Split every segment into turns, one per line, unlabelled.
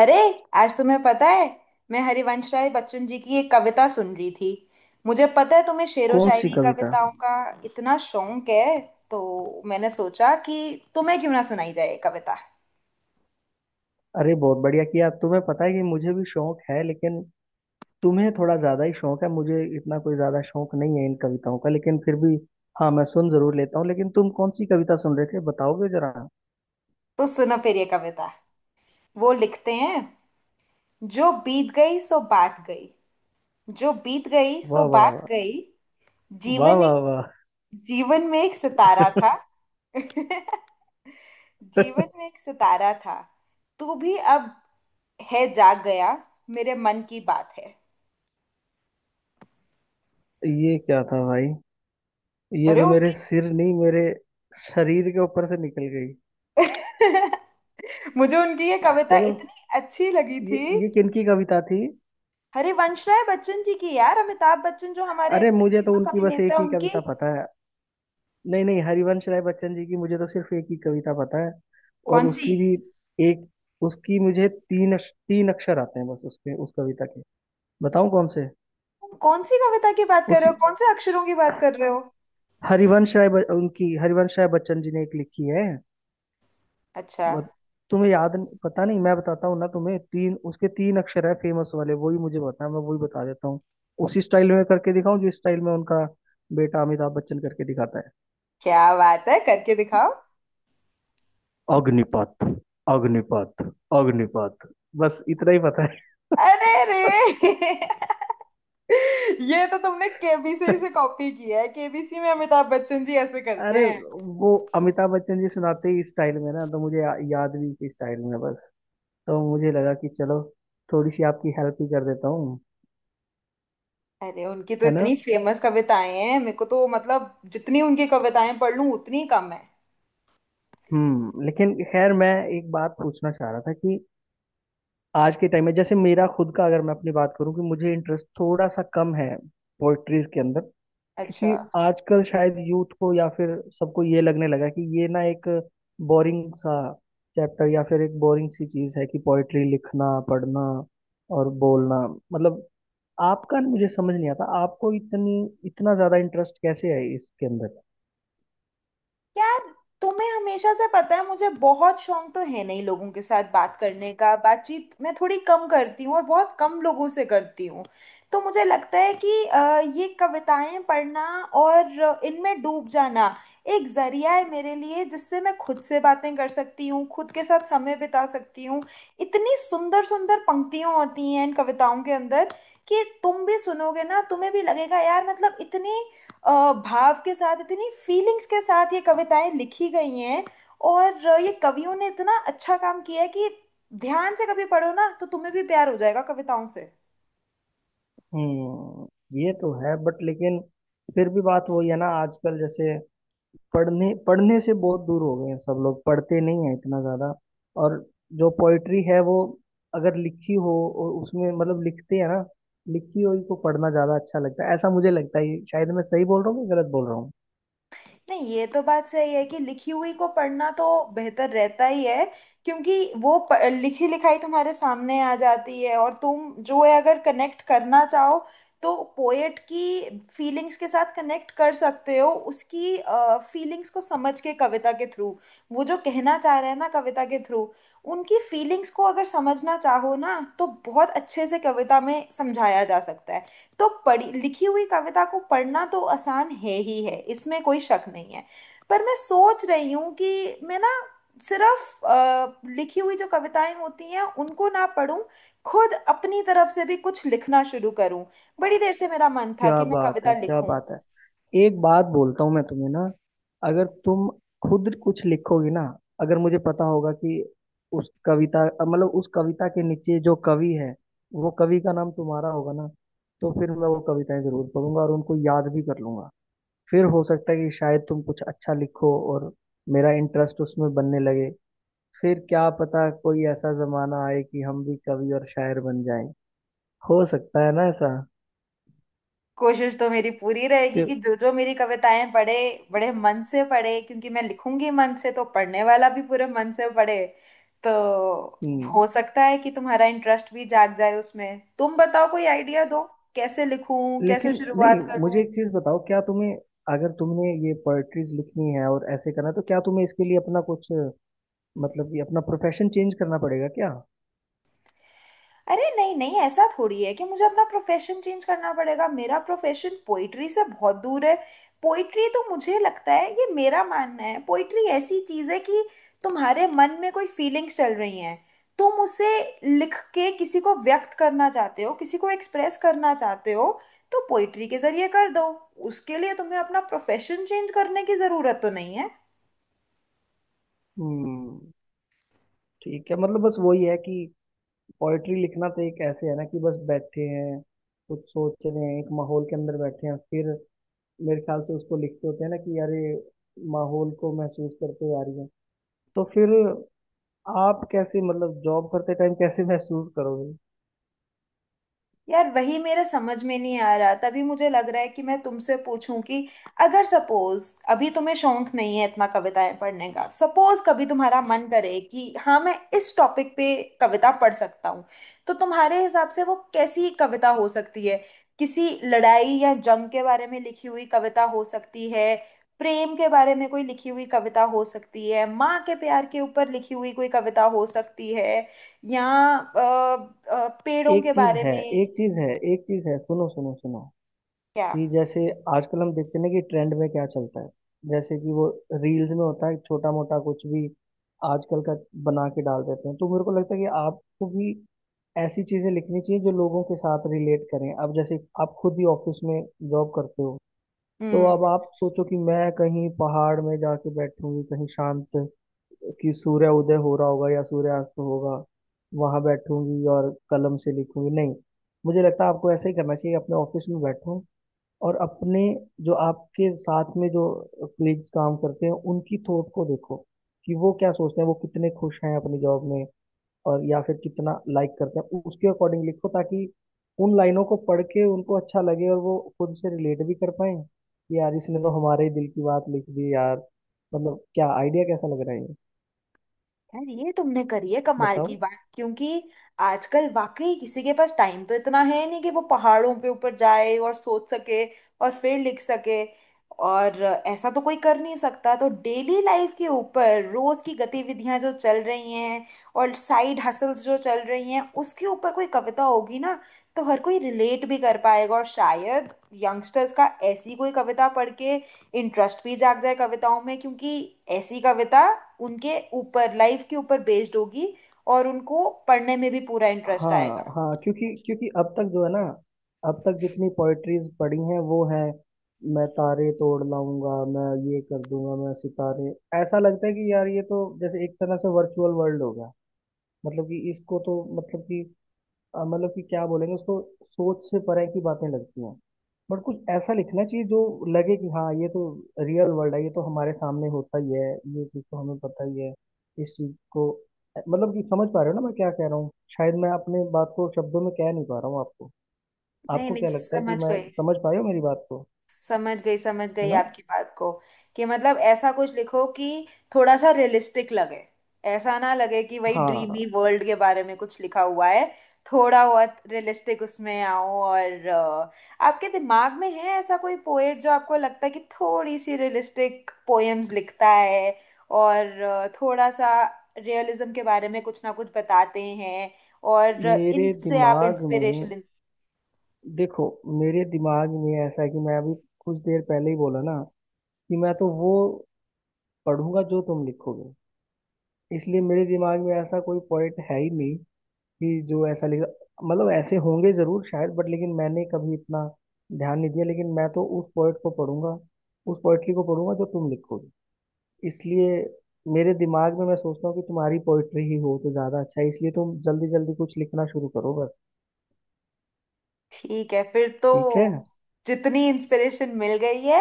अरे, आज तुम्हें पता है, मैं हरिवंश राय बच्चन जी की एक कविता सुन रही थी। मुझे पता है तुम्हें शेरो
कौन सी
शायरी
कविता?
कविताओं का इतना शौक है, तो मैंने सोचा कि तुम्हें क्यों ना सुनाई जाए ये कविता।
अरे बहुत बढ़िया किया। तुम्हें पता है कि मुझे भी शौक है लेकिन तुम्हें थोड़ा ज्यादा ही शौक है। मुझे इतना कोई ज्यादा शौक नहीं है इन कविताओं का, लेकिन फिर भी हाँ मैं सुन जरूर लेता हूँ। लेकिन तुम कौन सी कविता सुन रहे थे, बताओगे जरा?
तो सुनो फिर ये कविता। वो लिखते हैं, जो बीत गई सो बात गई। जो बीत गई सो
वाह वाह,
बात गई।
वाह
जीवन
वाह,
एक,
वाह वाह।
जीवन में एक सितारा था। जीवन में एक सितारा था, तू भी अब है जाग गया, मेरे मन की बात है।
ये क्या था भाई? ये
अरे।
तो मेरे सिर नहीं, मेरे शरीर के ऊपर से निकल गई।
मुझे उनकी ये कविता
चलो,
इतनी अच्छी लगी
ये
थी।
ये किनकी कविता थी?
हरिवंश राय बच्चन जी की, यार अमिताभ बच्चन जो हमारे
अरे
इतने
मुझे तो
फेमस
उनकी बस
अभिनेता
एक
हैं,
ही
उनकी।
कविता पता है। नहीं नहीं, हरिवंश राय बच्चन जी की मुझे तो सिर्फ एक ही कविता पता है। और
कौन सी?
उसकी भी एक, उसकी मुझे तीन तीन अक्षर आते हैं बस, उसके उस कविता के। बताऊं कौन से?
कौन सी कविता की बात कर रहे
उसी,
हो, कौन से अक्षरों की बात कर रहे हो?
उनकी हरिवंश राय बच्चन जी ने एक लिखी है।
अच्छा।
मत- तुम्हें याद पता नहीं, मैं बताता हूँ ना तुम्हें। तीन उसके तीन अक्षर है फेमस वाले, वही मुझे पता है, मैं वही बता देता हूँ। उसी स्टाइल में करके दिखाऊं जिस स्टाइल में उनका बेटा अमिताभ बच्चन करके दिखाता है।
क्या बात है, करके दिखाओ।
अग्निपथ, अग्निपथ, अग्निपथ। बस इतना ही पता है।
अरे रे। ये तो तुमने केबीसी से कॉपी किया है, केबीसी में अमिताभ बच्चन जी ऐसे करते
अरे,
हैं।
वो अमिताभ बच्चन जी सुनाते ही इस स्टाइल में ना, तो मुझे याद भी इसी स्टाइल में बस। तो मुझे लगा कि चलो, थोड़ी सी आपकी हेल्प ही कर देता हूँ।
अरे उनकी तो
है ना?
इतनी फेमस कविताएं हैं, मेरे को तो मतलब जितनी उनकी कविताएं पढ़ लूं उतनी कम है।
हम्म, लेकिन खैर मैं एक बात पूछना चाह रहा था कि आज के टाइम में, जैसे मेरा खुद का, अगर मैं अपनी बात करूँ, कि मुझे इंटरेस्ट थोड़ा सा कम है पोइट्रीज के अंदर।
अच्छा।
क्योंकि आजकल शायद यूथ को या फिर सबको ये लगने लगा कि ये ना एक बोरिंग सा चैप्टर, या फिर एक बोरिंग सी चीज है कि पोइट्री लिखना, पढ़ना और बोलना। मतलब आपका, मुझे समझ नहीं आता आपको इतनी, इतना ज्यादा इंटरेस्ट कैसे है इसके अंदर।
यार, तुम्हें हमेशा से पता है मुझे बहुत शौक तो है नहीं लोगों के साथ बात करने का, बातचीत मैं थोड़ी कम करती हूँ और बहुत कम लोगों से करती हूँ। तो मुझे लगता है कि ये कविताएं पढ़ना और इनमें डूब जाना एक जरिया है मेरे लिए, जिससे मैं खुद से बातें कर सकती हूँ, खुद के साथ समय बिता सकती हूँ। इतनी सुंदर सुंदर पंक्तियाँ होती हैं इन कविताओं के अंदर, कि तुम भी सुनोगे ना तुम्हें भी लगेगा यार, मतलब इतनी भाव के साथ, इतनी फीलिंग्स के साथ ये कविताएं लिखी गई हैं। और ये कवियों ने इतना अच्छा काम किया है कि ध्यान से कभी पढ़ो ना तो तुम्हें भी प्यार हो जाएगा कविताओं से।
हम्म, ये तो है बट लेकिन फिर भी बात वही है ना, आजकल जैसे पढ़ने पढ़ने से बहुत दूर हो गए हैं सब लोग, पढ़ते नहीं हैं इतना ज्यादा। और जो पोइट्री है वो अगर लिखी हो, और उसमें मतलब, लिखते हैं ना, लिखी हुई को पढ़ना ज्यादा अच्छा लगता है, ऐसा मुझे लगता है। ये शायद मैं सही बोल रहा हूँ कि गलत बोल रहा हूँ।
नहीं, ये तो बात सही है कि लिखी हुई को पढ़ना तो बेहतर रहता ही है, क्योंकि वो लिखी लिखाई तुम्हारे सामने आ जाती है, और तुम जो है अगर कनेक्ट करना चाहो तो पोएट की फीलिंग्स के साथ कनेक्ट कर सकते हो, उसकी फीलिंग्स को समझ के कविता के थ्रू। वो जो कहना चाह रहे हैं ना कविता के थ्रू, उनकी फीलिंग्स को अगर समझना चाहो ना तो बहुत अच्छे से कविता में समझाया जा सकता है। तो पढ़ी लिखी हुई कविता को पढ़ना तो आसान है ही है, इसमें कोई शक नहीं है। पर मैं सोच रही हूँ कि मैं ना सिर्फ लिखी हुई जो कविताएं होती हैं उनको ना पढूं, खुद अपनी तरफ से भी कुछ लिखना शुरू करूं। बड़ी देर से मेरा मन था
क्या
कि मैं
बात
कविता
है, क्या
लिखूं।
बात है। एक बात बोलता हूँ मैं तुम्हें ना। अगर तुम खुद कुछ लिखोगी ना, अगर मुझे पता होगा कि उस कविता, मतलब उस कविता के नीचे जो कवि है, वो कवि का नाम तुम्हारा होगा ना, तो फिर मैं वो कविताएं जरूर पढ़ूंगा और उनको याद भी कर लूंगा। फिर हो सकता है कि शायद तुम कुछ अच्छा लिखो, और मेरा इंटरेस्ट उसमें बनने लगे। फिर क्या पता कोई ऐसा जमाना आए कि हम भी कवि और शायर बन जाएं। हो सकता है ना ऐसा।
कोशिश तो मेरी पूरी रहेगी
क्यों?
कि जो जो मेरी कविताएं पढ़े, बड़े मन से पढ़े, क्योंकि मैं लिखूंगी मन से तो पढ़ने वाला भी पूरे मन से पढ़े। तो
हम्म,
हो सकता है कि तुम्हारा इंटरेस्ट भी जाग जाए उसमें। तुम बताओ कोई आइडिया दो, कैसे लिखूं, कैसे
लेकिन, नहीं
शुरुआत
मुझे
करूं।
एक चीज बताओ, क्या तुम्हें, अगर तुमने ये पोएट्रीज लिखनी है और ऐसे करना है, तो क्या तुम्हें इसके लिए अपना कुछ, मतलब ये अपना प्रोफेशन चेंज करना पड़ेगा क्या?
अरे नहीं नहीं, ऐसा थोड़ी है कि मुझे अपना प्रोफेशन चेंज करना पड़ेगा। मेरा प्रोफेशन पोइट्री से बहुत दूर है। पोइट्री तो मुझे लगता है, ये मेरा मानना है, पोइट्री ऐसी चीज़ है कि तुम्हारे मन में कोई फीलिंग्स चल रही हैं, तुम उसे लिख के किसी को व्यक्त करना चाहते हो, किसी को एक्सप्रेस करना चाहते हो, तो पोइट्री के जरिए कर दो। उसके लिए तुम्हें अपना प्रोफेशन चेंज करने की ज़रूरत तो नहीं है।
हम्म, ठीक है। मतलब बस वही है कि पोएट्री लिखना तो एक ऐसे है ना कि बस बैठे हैं, कुछ सोच रहे हैं, एक माहौल के अंदर बैठे हैं, फिर मेरे ख्याल से उसको लिखते होते हैं ना कि यार ये माहौल को महसूस करते हुए आ रही है। तो फिर आप कैसे, मतलब जॉब करते टाइम कैसे महसूस करोगे?
यार वही मेरा समझ में नहीं आ रहा, तभी मुझे लग रहा है कि मैं तुमसे पूछूं कि अगर सपोज, अभी तुम्हें शौक नहीं है इतना कविताएं पढ़ने का, सपोज कभी तुम्हारा मन करे कि हाँ मैं इस टॉपिक पे कविता पढ़ सकता हूँ, तो तुम्हारे हिसाब से वो कैसी कविता हो सकती है? किसी लड़ाई या जंग के बारे में लिखी हुई कविता हो सकती है, प्रेम के बारे में कोई लिखी हुई कविता हो सकती है, माँ के प्यार के ऊपर लिखी हुई कोई कविता हो सकती है, या अ, पेड़ों
एक
के
चीज
बारे
है
में।
एक चीज है एक चीज है, सुनो सुनो सुनो।
क्या?
कि जैसे आजकल हम देखते हैं ना कि ट्रेंड में क्या चलता है, जैसे कि वो रील्स में होता है, छोटा मोटा कुछ भी आजकल का बना के डाल देते हैं। तो मेरे को लगता है कि आपको भी ऐसी चीजें लिखनी चाहिए जो लोगों के साथ रिलेट करें। अब जैसे आप खुद ही ऑफिस में जॉब करते हो, तो
हम्म।
अब आप सोचो कि मैं कहीं पहाड़ में जाके बैठूंगी कहीं शांत, कि सूर्य उदय हो रहा होगा या सूर्यास्त होगा, वहां बैठूंगी और कलम से लिखूंगी, नहीं। मुझे लगता है आपको ऐसा ही करना चाहिए, अपने ऑफिस में बैठो, और अपने, जो आपके साथ में जो कलीग्स काम करते हैं, उनकी थॉट को देखो कि वो क्या सोचते हैं, वो कितने खुश हैं अपनी जॉब में, और या फिर कितना लाइक करते हैं, उसके अकॉर्डिंग लिखो, ताकि उन लाइनों को पढ़ के उनको अच्छा लगे और वो खुद से रिलेट भी कर पाए कि यार इसने तो हमारे ही दिल की बात लिख दी यार। मतलब क्या आइडिया, कैसा लग रहा है ये,
यार ये तुमने करी है कमाल की
बताओ।
बात, क्योंकि आजकल वाकई किसी के पास टाइम तो इतना है नहीं कि वो पहाड़ों पे ऊपर जाए और सोच सके और फिर लिख सके। और ऐसा तो कोई कर नहीं सकता, तो डेली लाइफ के ऊपर, रोज की गतिविधियां जो चल रही हैं और साइड हसल्स जो चल रही हैं उसके ऊपर कोई कविता होगी ना, तो हर कोई रिलेट भी कर पाएगा। और शायद यंगस्टर्स का ऐसी कोई कविता पढ़ के इंटरेस्ट भी जाग जाए कविताओं में, क्योंकि ऐसी कविता उनके ऊपर, लाइफ के ऊपर बेस्ड होगी, और उनको पढ़ने में भी पूरा इंटरेस्ट
हाँ
आएगा।
हाँ, क्योंकि क्योंकि अब तक जो है ना, अब तक जितनी पोएट्रीज पढ़ी हैं वो है, मैं तारे तोड़ लाऊंगा, मैं ये कर दूंगा, मैं सितारे, ऐसा लगता है कि यार ये तो जैसे एक तरह से वर्चुअल वर्ल्ड होगा। मतलब कि इसको तो, मतलब कि मतलब कि क्या बोलेंगे उसको, सोच से परे की बातें लगती हैं। बट कुछ ऐसा लिखना चाहिए जो लगे कि हाँ, ये तो रियल वर्ल्ड है, ये तो हमारे सामने होता ही है, ये चीज़ तो हमें पता ही है, इस चीज़ को, मतलब कि समझ पा रहे हो ना मैं क्या कह रहा हूँ। शायद मैं अपने बात को शब्दों में कह नहीं पा रहा हूँ आपको।
नहीं
आपको
नहीं,
क्या लगता है कि
समझ
मैं
गई,
समझ पाए हो मेरी बात को?
समझ गई समझ
है
गई
ना?
आपकी बात को। कि मतलब ऐसा कुछ लिखो कि थोड़ा सा रियलिस्टिक लगे, ऐसा ना लगे कि वही ड्रीमी
हाँ,
वर्ल्ड के बारे में कुछ लिखा हुआ है। थोड़ा बहुत रियलिस्टिक उसमें आओ। और आपके दिमाग में है ऐसा कोई पोएट जो आपको लगता है कि थोड़ी सी रियलिस्टिक पोएम्स लिखता है और थोड़ा सा रियलिज्म के बारे में कुछ ना कुछ बताते हैं, और
मेरे
इनसे आप
दिमाग में,
इंस्पिरेशन।
देखो मेरे दिमाग में ऐसा है कि मैं अभी कुछ देर पहले ही बोला ना कि मैं तो वो पढ़ूंगा जो तुम लिखोगे। इसलिए मेरे दिमाग में ऐसा कोई पॉइंट है ही नहीं कि जो ऐसा लिखा, मतलब ऐसे होंगे जरूर शायद, बट लेकिन मैंने कभी इतना ध्यान नहीं दिया। लेकिन मैं तो उस पोइट को पढ़ूंगा, उस पोइट्री को पढ़ूंगा जो तुम लिखोगे। इसलिए मेरे दिमाग में मैं सोचता हूँ कि तुम्हारी पोइट्री ही हो तो ज्यादा अच्छा है, इसलिए तुम जल्दी जल्दी कुछ लिखना शुरू करो बस।
ठीक है, फिर तो
ठीक है।
जितनी इंस्पिरेशन मिल गई है,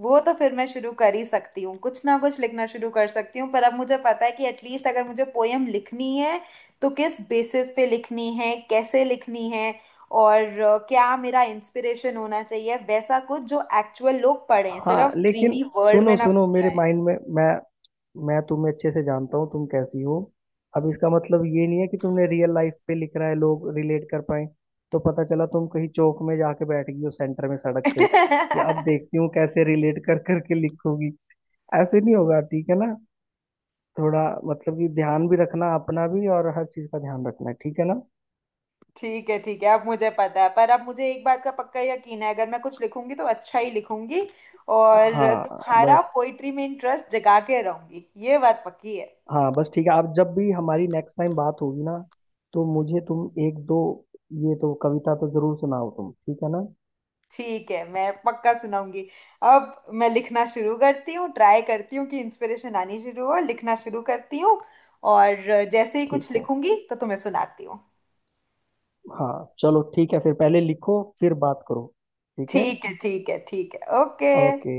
वो तो फिर मैं शुरू कर ही सकती हूँ, कुछ ना कुछ लिखना शुरू कर सकती हूँ। पर अब मुझे पता है कि एटलीस्ट अगर मुझे पोयम लिखनी है तो किस बेसिस पे लिखनी है, कैसे लिखनी है, और क्या मेरा इंस्पिरेशन होना चाहिए, वैसा कुछ जो एक्चुअल लोग पढ़ें,
हाँ
सिर्फ
लेकिन,
ड्रीमी वर्ल्ड में
सुनो
ना
सुनो,
घूम
मेरे माइंड में मैं तुम्हें अच्छे से जानता हूँ, तुम कैसी हो। अब इसका मतलब ये नहीं है कि तुमने रियल लाइफ पे लिख रहा है लोग रिलेट कर पाए, तो पता चला तुम कहीं चौक में जाके बैठ गई हो सेंटर में, सड़क पे, कि अब
जाए।
देखती हूँ कैसे रिलेट कर करके लिखोगी। ऐसे नहीं होगा, ठीक है ना? थोड़ा मतलब कि ध्यान भी रखना अपना भी, और हर चीज का ध्यान रखना है, ठीक है ना?
ठीक है ठीक है, अब मुझे पता है। पर अब मुझे एक बात का पक्का यकीन है, अगर मैं कुछ लिखूंगी तो अच्छा ही लिखूंगी, और
हाँ
तुम्हारा
बस
पोइट्री में इंटरेस्ट जगा के रहूंगी, ये बात पक्की है।
हाँ बस, ठीक है। आप जब भी हमारी नेक्स्ट टाइम बात होगी ना, तो मुझे तुम एक दो ये तो कविता तो जरूर सुनाओ तुम, ठीक है ना?
ठीक है, मैं पक्का सुनाऊंगी। अब मैं लिखना शुरू करती हूँ, ट्राई करती हूँ कि इंस्पिरेशन आनी शुरू हो, लिखना शुरू करती हूँ, और जैसे ही
ठीक
कुछ
है।
लिखूंगी तो तुम्हें सुनाती हूँ।
हाँ चलो, ठीक है, फिर पहले लिखो फिर बात करो। ठीक है।
ठीक है ठीक है ठीक है, ओके।
ओके।